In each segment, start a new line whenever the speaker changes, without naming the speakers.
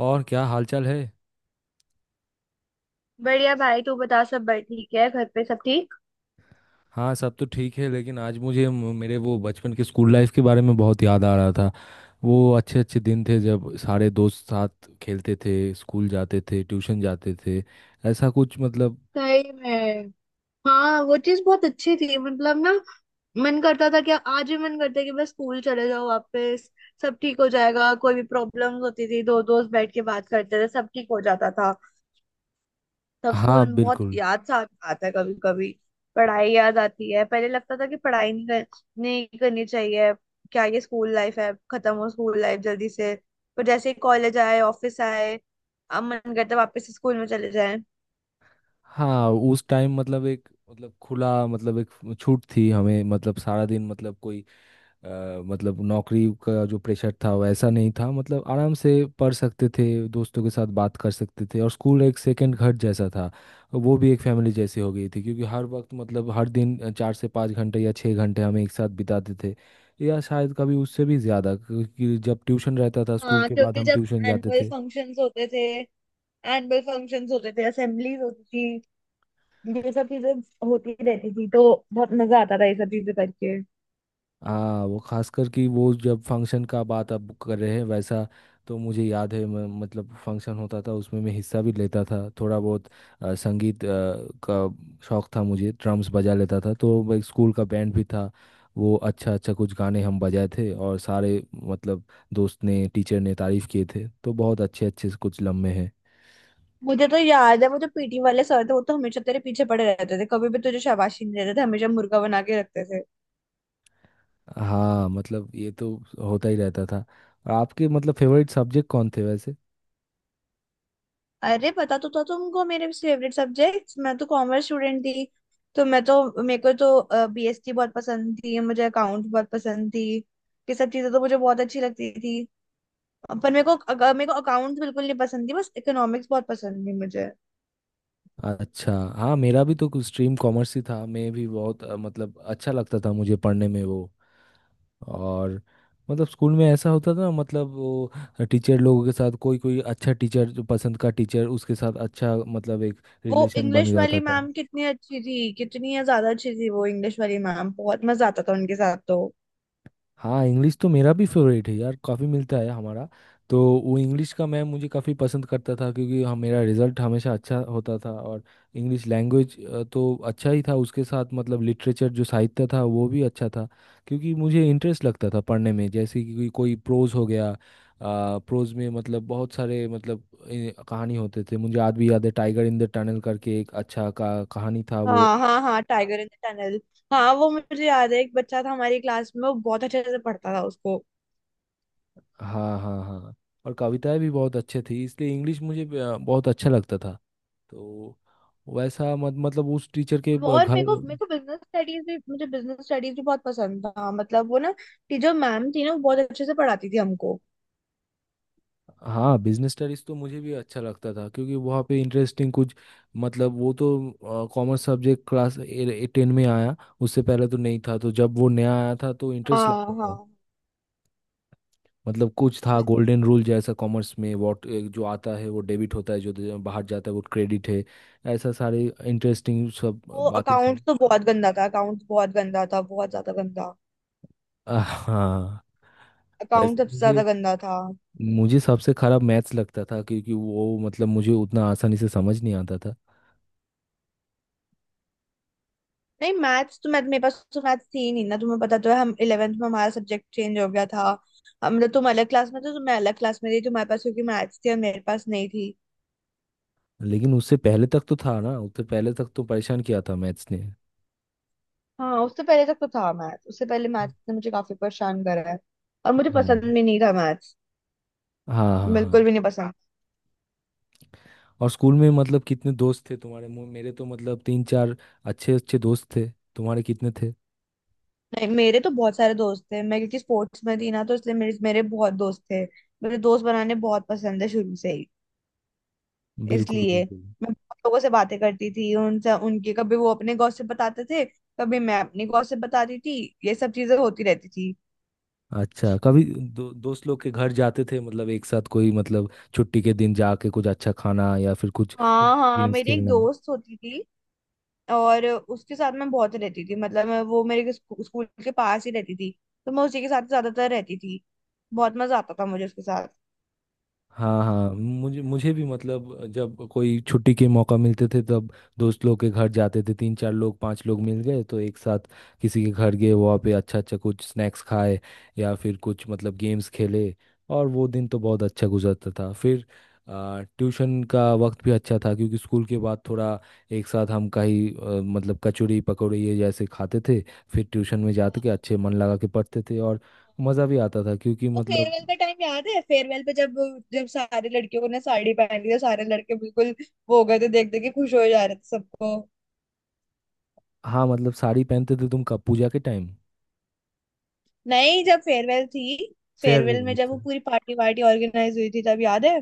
और क्या हालचाल है।
बढ़िया भाई। तू बता, सब बड़ ठीक है? घर पे सब ठीक?
हाँ, सब तो ठीक है, लेकिन आज मुझे मेरे वो बचपन के स्कूल लाइफ के बारे में बहुत याद आ रहा था। वो अच्छे अच्छे दिन थे जब सारे दोस्त साथ खेलते थे, स्कूल जाते थे, ट्यूशन जाते थे, ऐसा कुछ मतलब।
सही में। हाँ, वो चीज बहुत अच्छी थी मतलब ना। मन करता था कि आज भी मन करता है कि बस स्कूल चले जाओ वापस। सब ठीक हो जाएगा। कोई भी प्रॉब्लम्स होती थी, दो दोस्त बैठ के बात करते थे सब ठीक हो जाता था। तब
हाँ,
स्कूल बहुत
बिल्कुल।
याद सा आता है कभी कभी। पढ़ाई याद आती है। पहले लगता था कि पढ़ाई नहीं करनी चाहिए। क्या ये स्कूल लाइफ है? खत्म हो स्कूल लाइफ जल्दी से। पर जैसे ही कॉलेज आए, ऑफिस आए, अब मन करता है वापस स्कूल में चले जाए।
हाँ, उस टाइम मतलब एक मतलब खुला मतलब एक छूट थी हमें, मतलब सारा दिन मतलब कोई अ, मतलब नौकरी का जो प्रेशर था वैसा नहीं था। मतलब आराम से पढ़ सकते थे, दोस्तों के साथ बात कर सकते थे, और स्कूल एक सेकंड घर जैसा था। वो भी एक फैमिली जैसी हो गई थी क्योंकि हर वक्त मतलब हर दिन चार से पाँच घंटे या छः घंटे हम एक साथ बिताते थे। या शायद कभी उससे भी ज़्यादा क्योंकि जब ट्यूशन रहता था, स्कूल
हाँ,
के बाद
क्योंकि
हम
जब
ट्यूशन जाते
एनुअल
थे।
फंक्शंस होते थे एनुअल फंक्शंस होते थे असेंबलीज होती थी, ये सब चीजें होती रहती थी तो बहुत मजा आता था ये सब चीजें करके।
हाँ, वो खासकर कि वो जब फंक्शन का बात आप कर रहे हैं वैसा। तो मुझे याद है मैं मतलब फंक्शन होता था उसमें मैं हिस्सा भी लेता था थोड़ा बहुत। संगीत का शौक था मुझे, ड्रम्स बजा लेता था, तो वो एक स्कूल का बैंड भी था। वो अच्छा अच्छा कुछ गाने हम बजाए थे और सारे मतलब दोस्त ने टीचर ने तारीफ किए थे, तो बहुत अच्छे अच्छे कुछ लम्हे हैं।
मुझे तो याद है वो जो पीटी वाले सर थे वो तो हमेशा तेरे पीछे पड़े रहते थे। कभी भी तुझे शाबाशी नहीं देते थे, हमेशा मुर्गा बना के रखते थे।
हाँ, मतलब ये तो होता ही रहता था। और आपके मतलब फेवरेट सब्जेक्ट कौन थे वैसे।
अरे पता तो था तुमको मेरे फेवरेट सब्जेक्ट्स। मैं तो कॉमर्स स्टूडेंट थी, तो मैं तो मेरे को तो बीएसटी बहुत पसंद थी। मुझे अकाउंट बहुत पसंद थी। ये सब चीजें तो मुझे बहुत अच्छी लगती थी। पर मेरे को अकाउंट्स बिल्कुल नहीं पसंद थी, बस इकोनॉमिक्स बहुत पसंद थी मुझे।
अच्छा, हाँ, मेरा भी तो कुछ स्ट्रीम कॉमर्स ही था, मैं भी बहुत मतलब अच्छा लगता था मुझे पढ़ने में वो। और मतलब स्कूल में ऐसा होता था मतलब वो टीचर लोगों के साथ कोई कोई अच्छा टीचर जो पसंद का टीचर उसके साथ अच्छा मतलब एक
वो
रिलेशन बन
इंग्लिश
जाता
वाली
था।
मैम कितनी अच्छी थी। कितनी ज्यादा अच्छी थी वो इंग्लिश वाली मैम, बहुत मजा आता था उनके साथ तो।
हाँ, इंग्लिश तो मेरा भी फेवरेट है यार, काफ़ी मिलता है हमारा। तो वो इंग्लिश का मैम मुझे काफ़ी पसंद करता था क्योंकि हम मेरा रिजल्ट हमेशा अच्छा होता था, और इंग्लिश लैंग्वेज तो अच्छा ही था उसके साथ। मतलब लिटरेचर जो साहित्य था वो भी अच्छा था क्योंकि मुझे इंटरेस्ट लगता था पढ़ने में, जैसे कि कोई कोई प्रोज हो गया। प्रोज में मतलब बहुत सारे मतलब कहानी होते थे। मुझे आज भी याद है टाइगर इन द टनल करके एक अच्छा का कहानी था वो।
हाँ हाँ हाँ, टाइगर इन द टनल। हाँ, वो मुझे याद है एक बच्चा था हमारी क्लास में, वो बहुत अच्छे से पढ़ता था उसको।
हाँ हाँ हाँ। और कविताएं भी बहुत अच्छे थी, इसलिए इंग्लिश मुझे बहुत अच्छा लगता था। तो वैसा मत मतलब उस टीचर के
और मेरे
घर।
को मेरे को बिजनेस स्टडीज भी, मुझे बिजनेस स्टडीज भी बहुत पसंद था। मतलब वो ना टीचर मैम थी ना, वो बहुत अच्छे से पढ़ाती थी हमको।
हाँ, बिजनेस स्टडीज तो मुझे भी अच्छा लगता था क्योंकि वहाँ पे इंटरेस्टिंग कुछ मतलब। वो तो कॉमर्स सब्जेक्ट क्लास टेन में आया, उससे पहले तो नहीं था, तो जब वो नया आया था तो इंटरेस्ट
हाँ
लगता
हाँ।
था। मतलब कुछ था
बिल्कुल,
गोल्डन
बिल्कुल।
रूल जैसा कॉमर्स में, वॉट जो आता है वो डेबिट होता है, जो जो बाहर जाता है वो क्रेडिट है। ऐसा सारे इंटरेस्टिंग सब
वो
बातें थी।
अकाउंट्स तो बहुत गंदा था, अकाउंट्स बहुत गंदा था, बहुत ज्यादा गंदा।
हाँ।
अकाउंट
वैसे
सबसे ज्यादा
मुझे
गंदा था।
मुझे सबसे खराब मैथ्स लगता था क्योंकि वो मतलब मुझे उतना आसानी से समझ नहीं आता था।
नहीं, मैथ्स तो मैं, मेरे पास तो मैथ्स थी ही नहीं ना। तुम्हें पता तो है हम 11th में हमारा सब्जेक्ट चेंज हो गया था। हम मतलब तुम अलग क्लास में थे तो मैं अलग क्लास में थी। तुम्हारे पास क्योंकि मैथ्स थी और मेरे पास नहीं थी।
लेकिन उससे पहले तक तो था ना, उससे पहले तक तो परेशान किया था मैथ्स ने।
हाँ उससे पहले तक तो था मैथ्स। उससे पहले मैथ्स ने मुझे काफी परेशान करा है। और मुझे
हाँ
पसंद भी नहीं था मैथ्स,
हाँ हाँ हाँ।
बिल्कुल भी नहीं पसंद।
और स्कूल में मतलब कितने दोस्त थे तुम्हारे? मेरे तो मतलब तीन चार अच्छे अच्छे दोस्त थे, तुम्हारे कितने थे?
नहीं, मेरे तो बहुत सारे दोस्त थे। मैं क्योंकि स्पोर्ट्स में थी ना, तो इसलिए मेरे मेरे बहुत दोस्त थे। मेरे दोस्त बनाने बहुत पसंद है शुरू से ही।
बिल्कुल
इसलिए
बिल्कुल बिल्कुल।
मैं बहुत लोगों से बातें करती थी, उनसे उनके कभी वो अपने गॉसिप बताते थे, कभी मैं अपनी गॉसिप बताती थी। ये सब चीजें होती रहती थी।
अच्छा, कभी दोस्त लोग के घर जाते थे मतलब एक साथ कोई मतलब छुट्टी के दिन जाके कुछ अच्छा खाना या फिर कुछ
हाँ हाँ,
गेम्स
मेरी एक
खेलना।
दोस्त होती थी और उसके साथ मैं बहुत रहती थी। मतलब मैं वो स्कूल के पास ही रहती थी। तो मैं उसी के साथ ज्यादातर रहती थी। बहुत मजा आता था मुझे उसके साथ।
हाँ हाँ, मुझे मुझे भी मतलब जब कोई छुट्टी के मौका मिलते थे तब दोस्त लोग के घर जाते थे, तीन चार लोग पांच लोग मिल गए तो एक साथ किसी के घर गए, वहाँ पे अच्छा अच्छा कुछ स्नैक्स खाए या फिर कुछ मतलब गेम्स खेले, और वो दिन तो बहुत अच्छा गुजरता था। फिर ट्यूशन का वक्त भी अच्छा था क्योंकि स्कूल के बाद थोड़ा एक साथ हम कहीं मतलब कचौड़ी पकौड़ी ये जैसे खाते थे, फिर ट्यूशन में जाते
हाँ।
के अच्छे मन लगा के पढ़ते थे, और मज़ा भी आता था क्योंकि
वो
मतलब।
फेयरवेल का टाइम याद है? फेयरवेल पे जब जब सारे लड़कियों ने साड़ी पहनी थी, सारे लड़के बिल्कुल वो हो गए थे, देख देख के खुश हो जा रहे थे सबको।
हाँ मतलब साड़ी पहनते थे तुम कब, पूजा के टाइम?
नहीं, जब फेयरवेल थी,
फेयरवेल
फेयरवेल में
में
जब वो
था।
पूरी पार्टी वार्टी ऑर्गेनाइज हुई थी तब याद है।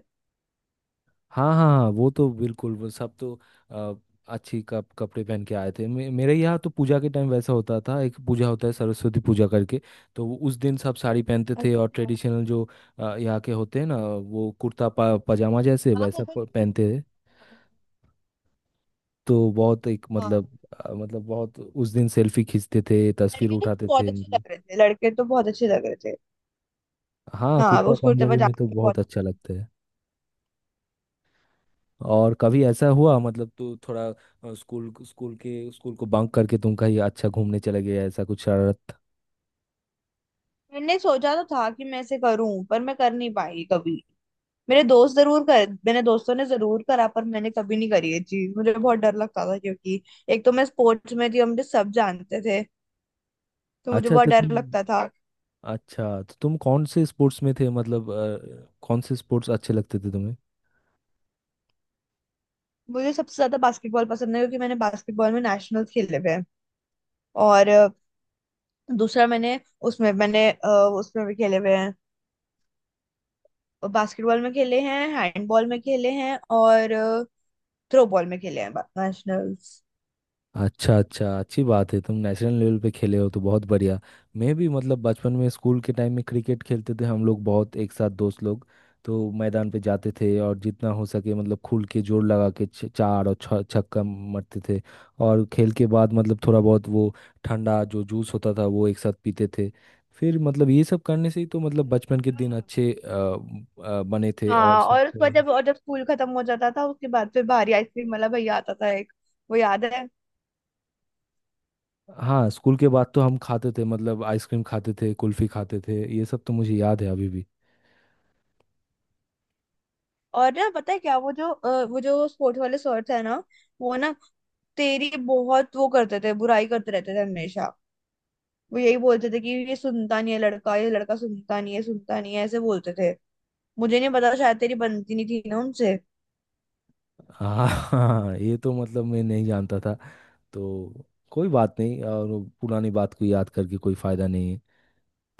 हाँ हाँ हाँ, वो तो बिल्कुल वो सब तो अ, अच्छी कप कपड़े पहन के आए थे। मेरे यहाँ तो पूजा के टाइम वैसा होता था, एक पूजा होता है सरस्वती पूजा करके। तो वो उस दिन सब साड़ी पहनते थे और
अच्छा।
ट्रेडिशनल जो यहाँ के होते हैं ना, वो कुर्ता पजामा जैसे
हाँ वो
वैसा
भी तो हुई
पहनते
थी।
थे। तो बहुत एक मतलब
हाँ
मतलब बहुत उस दिन सेल्फी खींचते थे, तस्वीर
लड़के तो
उठाते
बहुत
थे
अच्छे
मतलब।
लग रहे थे, लड़के तो बहुत अच्छे लग रहे थे।
हाँ,
हाँ वो
कुर्ता
उसको तब
पंजाबी में तो
जाके बहुत।
बहुत अच्छा लगता है। और कभी ऐसा हुआ मतलब तू थोड़ा स्कूल स्कूल के स्कूल को बंक करके तुम कहीं अच्छा घूमने चले गए, ऐसा कुछ शरारत?
मैंने सोचा तो था कि मैं ऐसे करूं पर मैं कर नहीं पाई कभी। मेरे दोस्त जरूर कर, मेरे दोस्तों ने जरूर करा, पर मैंने कभी नहीं करी ये चीज। मुझे बहुत डर लगता था क्योंकि एक तो मैं स्पोर्ट्स में थी और मुझे सब जानते थे। तो मुझे
अच्छा
बहुत
अच्छा
डर
तुम।
लगता था।
अच्छा, तो तुम कौन से स्पोर्ट्स में थे, मतलब कौन से स्पोर्ट्स अच्छे लगते थे तुम्हें?
मुझे सबसे ज्यादा बास्केटबॉल पसंद है क्योंकि मैंने बास्केटबॉल में नेशनल खेले हुए हैं। और दूसरा मैंने, उसमें मैंने उसमें भी खेले हुए हैं। बास्केटबॉल में खेले हैं, हैंडबॉल में खेले हैं और थ्रो बॉल में खेले हैं, नेशनल्स।
अच्छा अच्छा, अच्छी बात है, तुम नेशनल लेवल पे खेले हो तो बहुत बढ़िया। मैं भी मतलब बचपन में स्कूल के टाइम में क्रिकेट खेलते थे हम लोग, बहुत एक साथ दोस्त लोग, तो मैदान पे जाते थे और जितना हो सके मतलब खुल के जोर लगा के चार और छ छक्का मारते थे। और खेल के बाद मतलब थोड़ा बहुत वो ठंडा जो जूस होता था वो एक साथ पीते थे। फिर मतलब ये सब करने से ही तो मतलब बचपन के दिन
हाँ।
अच्छे बने थे, और
हाँ
साथ
और उसके बाद
में।
जब, और जब स्कूल खत्म हो जाता था उसके बाद फिर बाहरी आइसक्रीम वाला भैया आता था एक, वो याद है?
हाँ, स्कूल के बाद तो हम खाते थे मतलब आइसक्रीम खाते थे, कुल्फी खाते थे, ये सब तो मुझे याद है अभी भी।
और ना पता है क्या, वो जो स्पोर्ट्स वाले सर थे ना, वो ना तेरी बहुत वो करते थे, बुराई करते रहते थे हमेशा। वो यही बोलते थे कि ये सुनता नहीं है लड़का, ये लड़का सुनता नहीं है, सुनता नहीं है, ऐसे बोलते थे। मुझे नहीं पता, शायद तेरी बनती नहीं थी ना उनसे।
हाँ हाँ, ये तो मतलब मैं नहीं जानता था तो कोई बात नहीं, और वो पुरानी बात को याद करके कोई फायदा नहीं है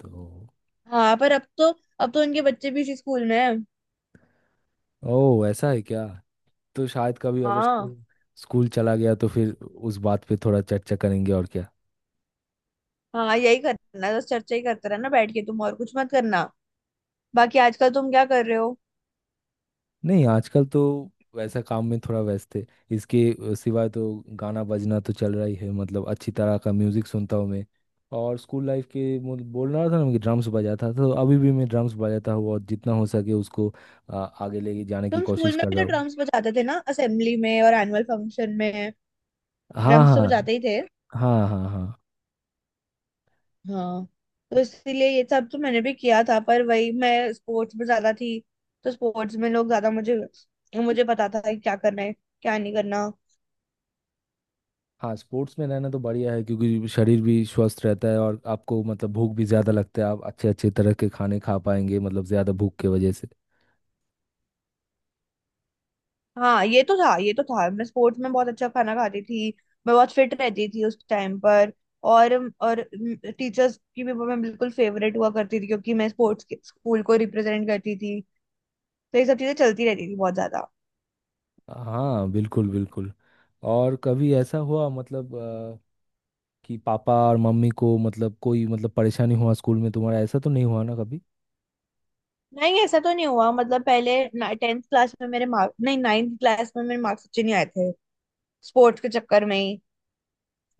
तो।
हाँ पर अब तो उनके बच्चे भी इसी स्कूल में हैं।
ओह, ऐसा है क्या? तो शायद कभी अगर
हाँ
स्कूल स्कूल चला गया तो फिर उस बात पे थोड़ा चर्चा करेंगे और क्या।
हाँ, यही करना है, बस चर्चा ही करते रहना बैठ के तुम, और कुछ मत करना। बाकी आजकल तुम क्या कर रहे हो?
नहीं, आजकल तो वैसा काम में थोड़ा व्यस्त है, इसके सिवाय तो गाना बजना तो चल रहा ही है, मतलब अच्छी तरह का म्यूजिक सुनता हूँ मैं। और स्कूल लाइफ के मुझे बोल रहा था ना कि ड्रम्स बजाता था, तो अभी भी मैं ड्रम्स बजाता हूँ और जितना हो सके उसको आगे लेके जाने की
तुम स्कूल
कोशिश
में
कर
भी
रहा
तो
हूँ।
ड्रम्स बजाते थे ना, असेंबली में और एनुअल फंक्शन में।
हाँ
ड्रम्स तो
हाँ
बजाते ही थे।
हाँ। हाँ हाँ
हाँ। तो इसीलिए ये सब तो मैंने भी किया था, पर वही मैं स्पोर्ट्स में ज्यादा थी। तो स्पोर्ट्स में लोग ज्यादा मुझे। मुझे पता था कि क्या करना है, क्या नहीं करना।
हाँ। स्पोर्ट्स में रहना तो बढ़िया है क्योंकि शरीर भी स्वस्थ रहता है और आपको मतलब भूख भी ज़्यादा लगता है, आप अच्छे अच्छे तरह के खाने खा पाएंगे मतलब ज़्यादा भूख के वजह से।
हाँ ये तो था, ये तो था, मैं स्पोर्ट्स में बहुत अच्छा खाना खाती थी। मैं बहुत फिट रहती थी उस टाइम पर। और और टीचर्स की भी मैं बिल्कुल फेवरेट हुआ करती थी, क्योंकि मैं स्पोर्ट्स के स्कूल को रिप्रेजेंट करती थी। तो ये सब चीजें चलती रहती थी बहुत ज्यादा।
हाँ बिल्कुल बिल्कुल। और कभी ऐसा हुआ मतलब कि पापा और मम्मी को मतलब कोई मतलब परेशानी हुआ स्कूल में तुम्हारा, ऐसा तो नहीं हुआ ना कभी?
नहीं, ऐसा तो नहीं हुआ, मतलब पहले 10th क्लास में मेरे मार्क्स, नहीं 9th क्लास में मेरे मार्क्स अच्छे नहीं आए थे स्पोर्ट्स के चक्कर में ही।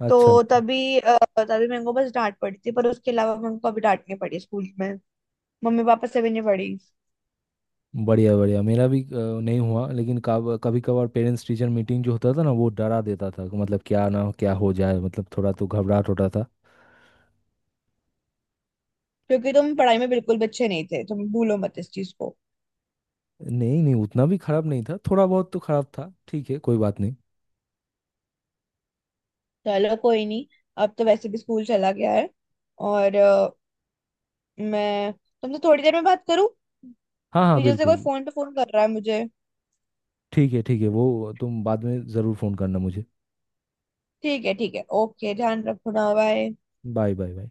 अच्छा
तो
अच्छा।
तभी तभी मेरे को बस डांट पड़ी थी, पर उसके अलावा मेरे को कभी डांट नहीं पड़ी स्कूल में। मम्मी पापा से भी नहीं पड़ी।
बढ़िया बढ़िया, मेरा भी नहीं हुआ, लेकिन कब कभी कभार पेरेंट्स टीचर मीटिंग जो होता था ना, वो डरा देता था कि मतलब क्या ना क्या हो जाए, मतलब थोड़ा तो घबराहट होता था।
क्योंकि तुम पढ़ाई में बिल्कुल भी अच्छे नहीं थे तुम, भूलो मत इस चीज को।
नहीं नहीं, उतना भी खराब नहीं था, थोड़ा बहुत तो खराब था, ठीक है, कोई बात नहीं।
चलो कोई नहीं। अब तो वैसे भी स्कूल चला गया है। और मैं तुमसे थोड़ी देर में बात करूँ?
हाँ हाँ
पीछे से कोई
बिल्कुल।
फोन पे फोन कर रहा है मुझे।
ठीक है ठीक है, वो तुम बाद में ज़रूर फ़ोन करना मुझे।
ठीक है ठीक है, ओके, ध्यान रखो ना, बाय।
Bye bye bye.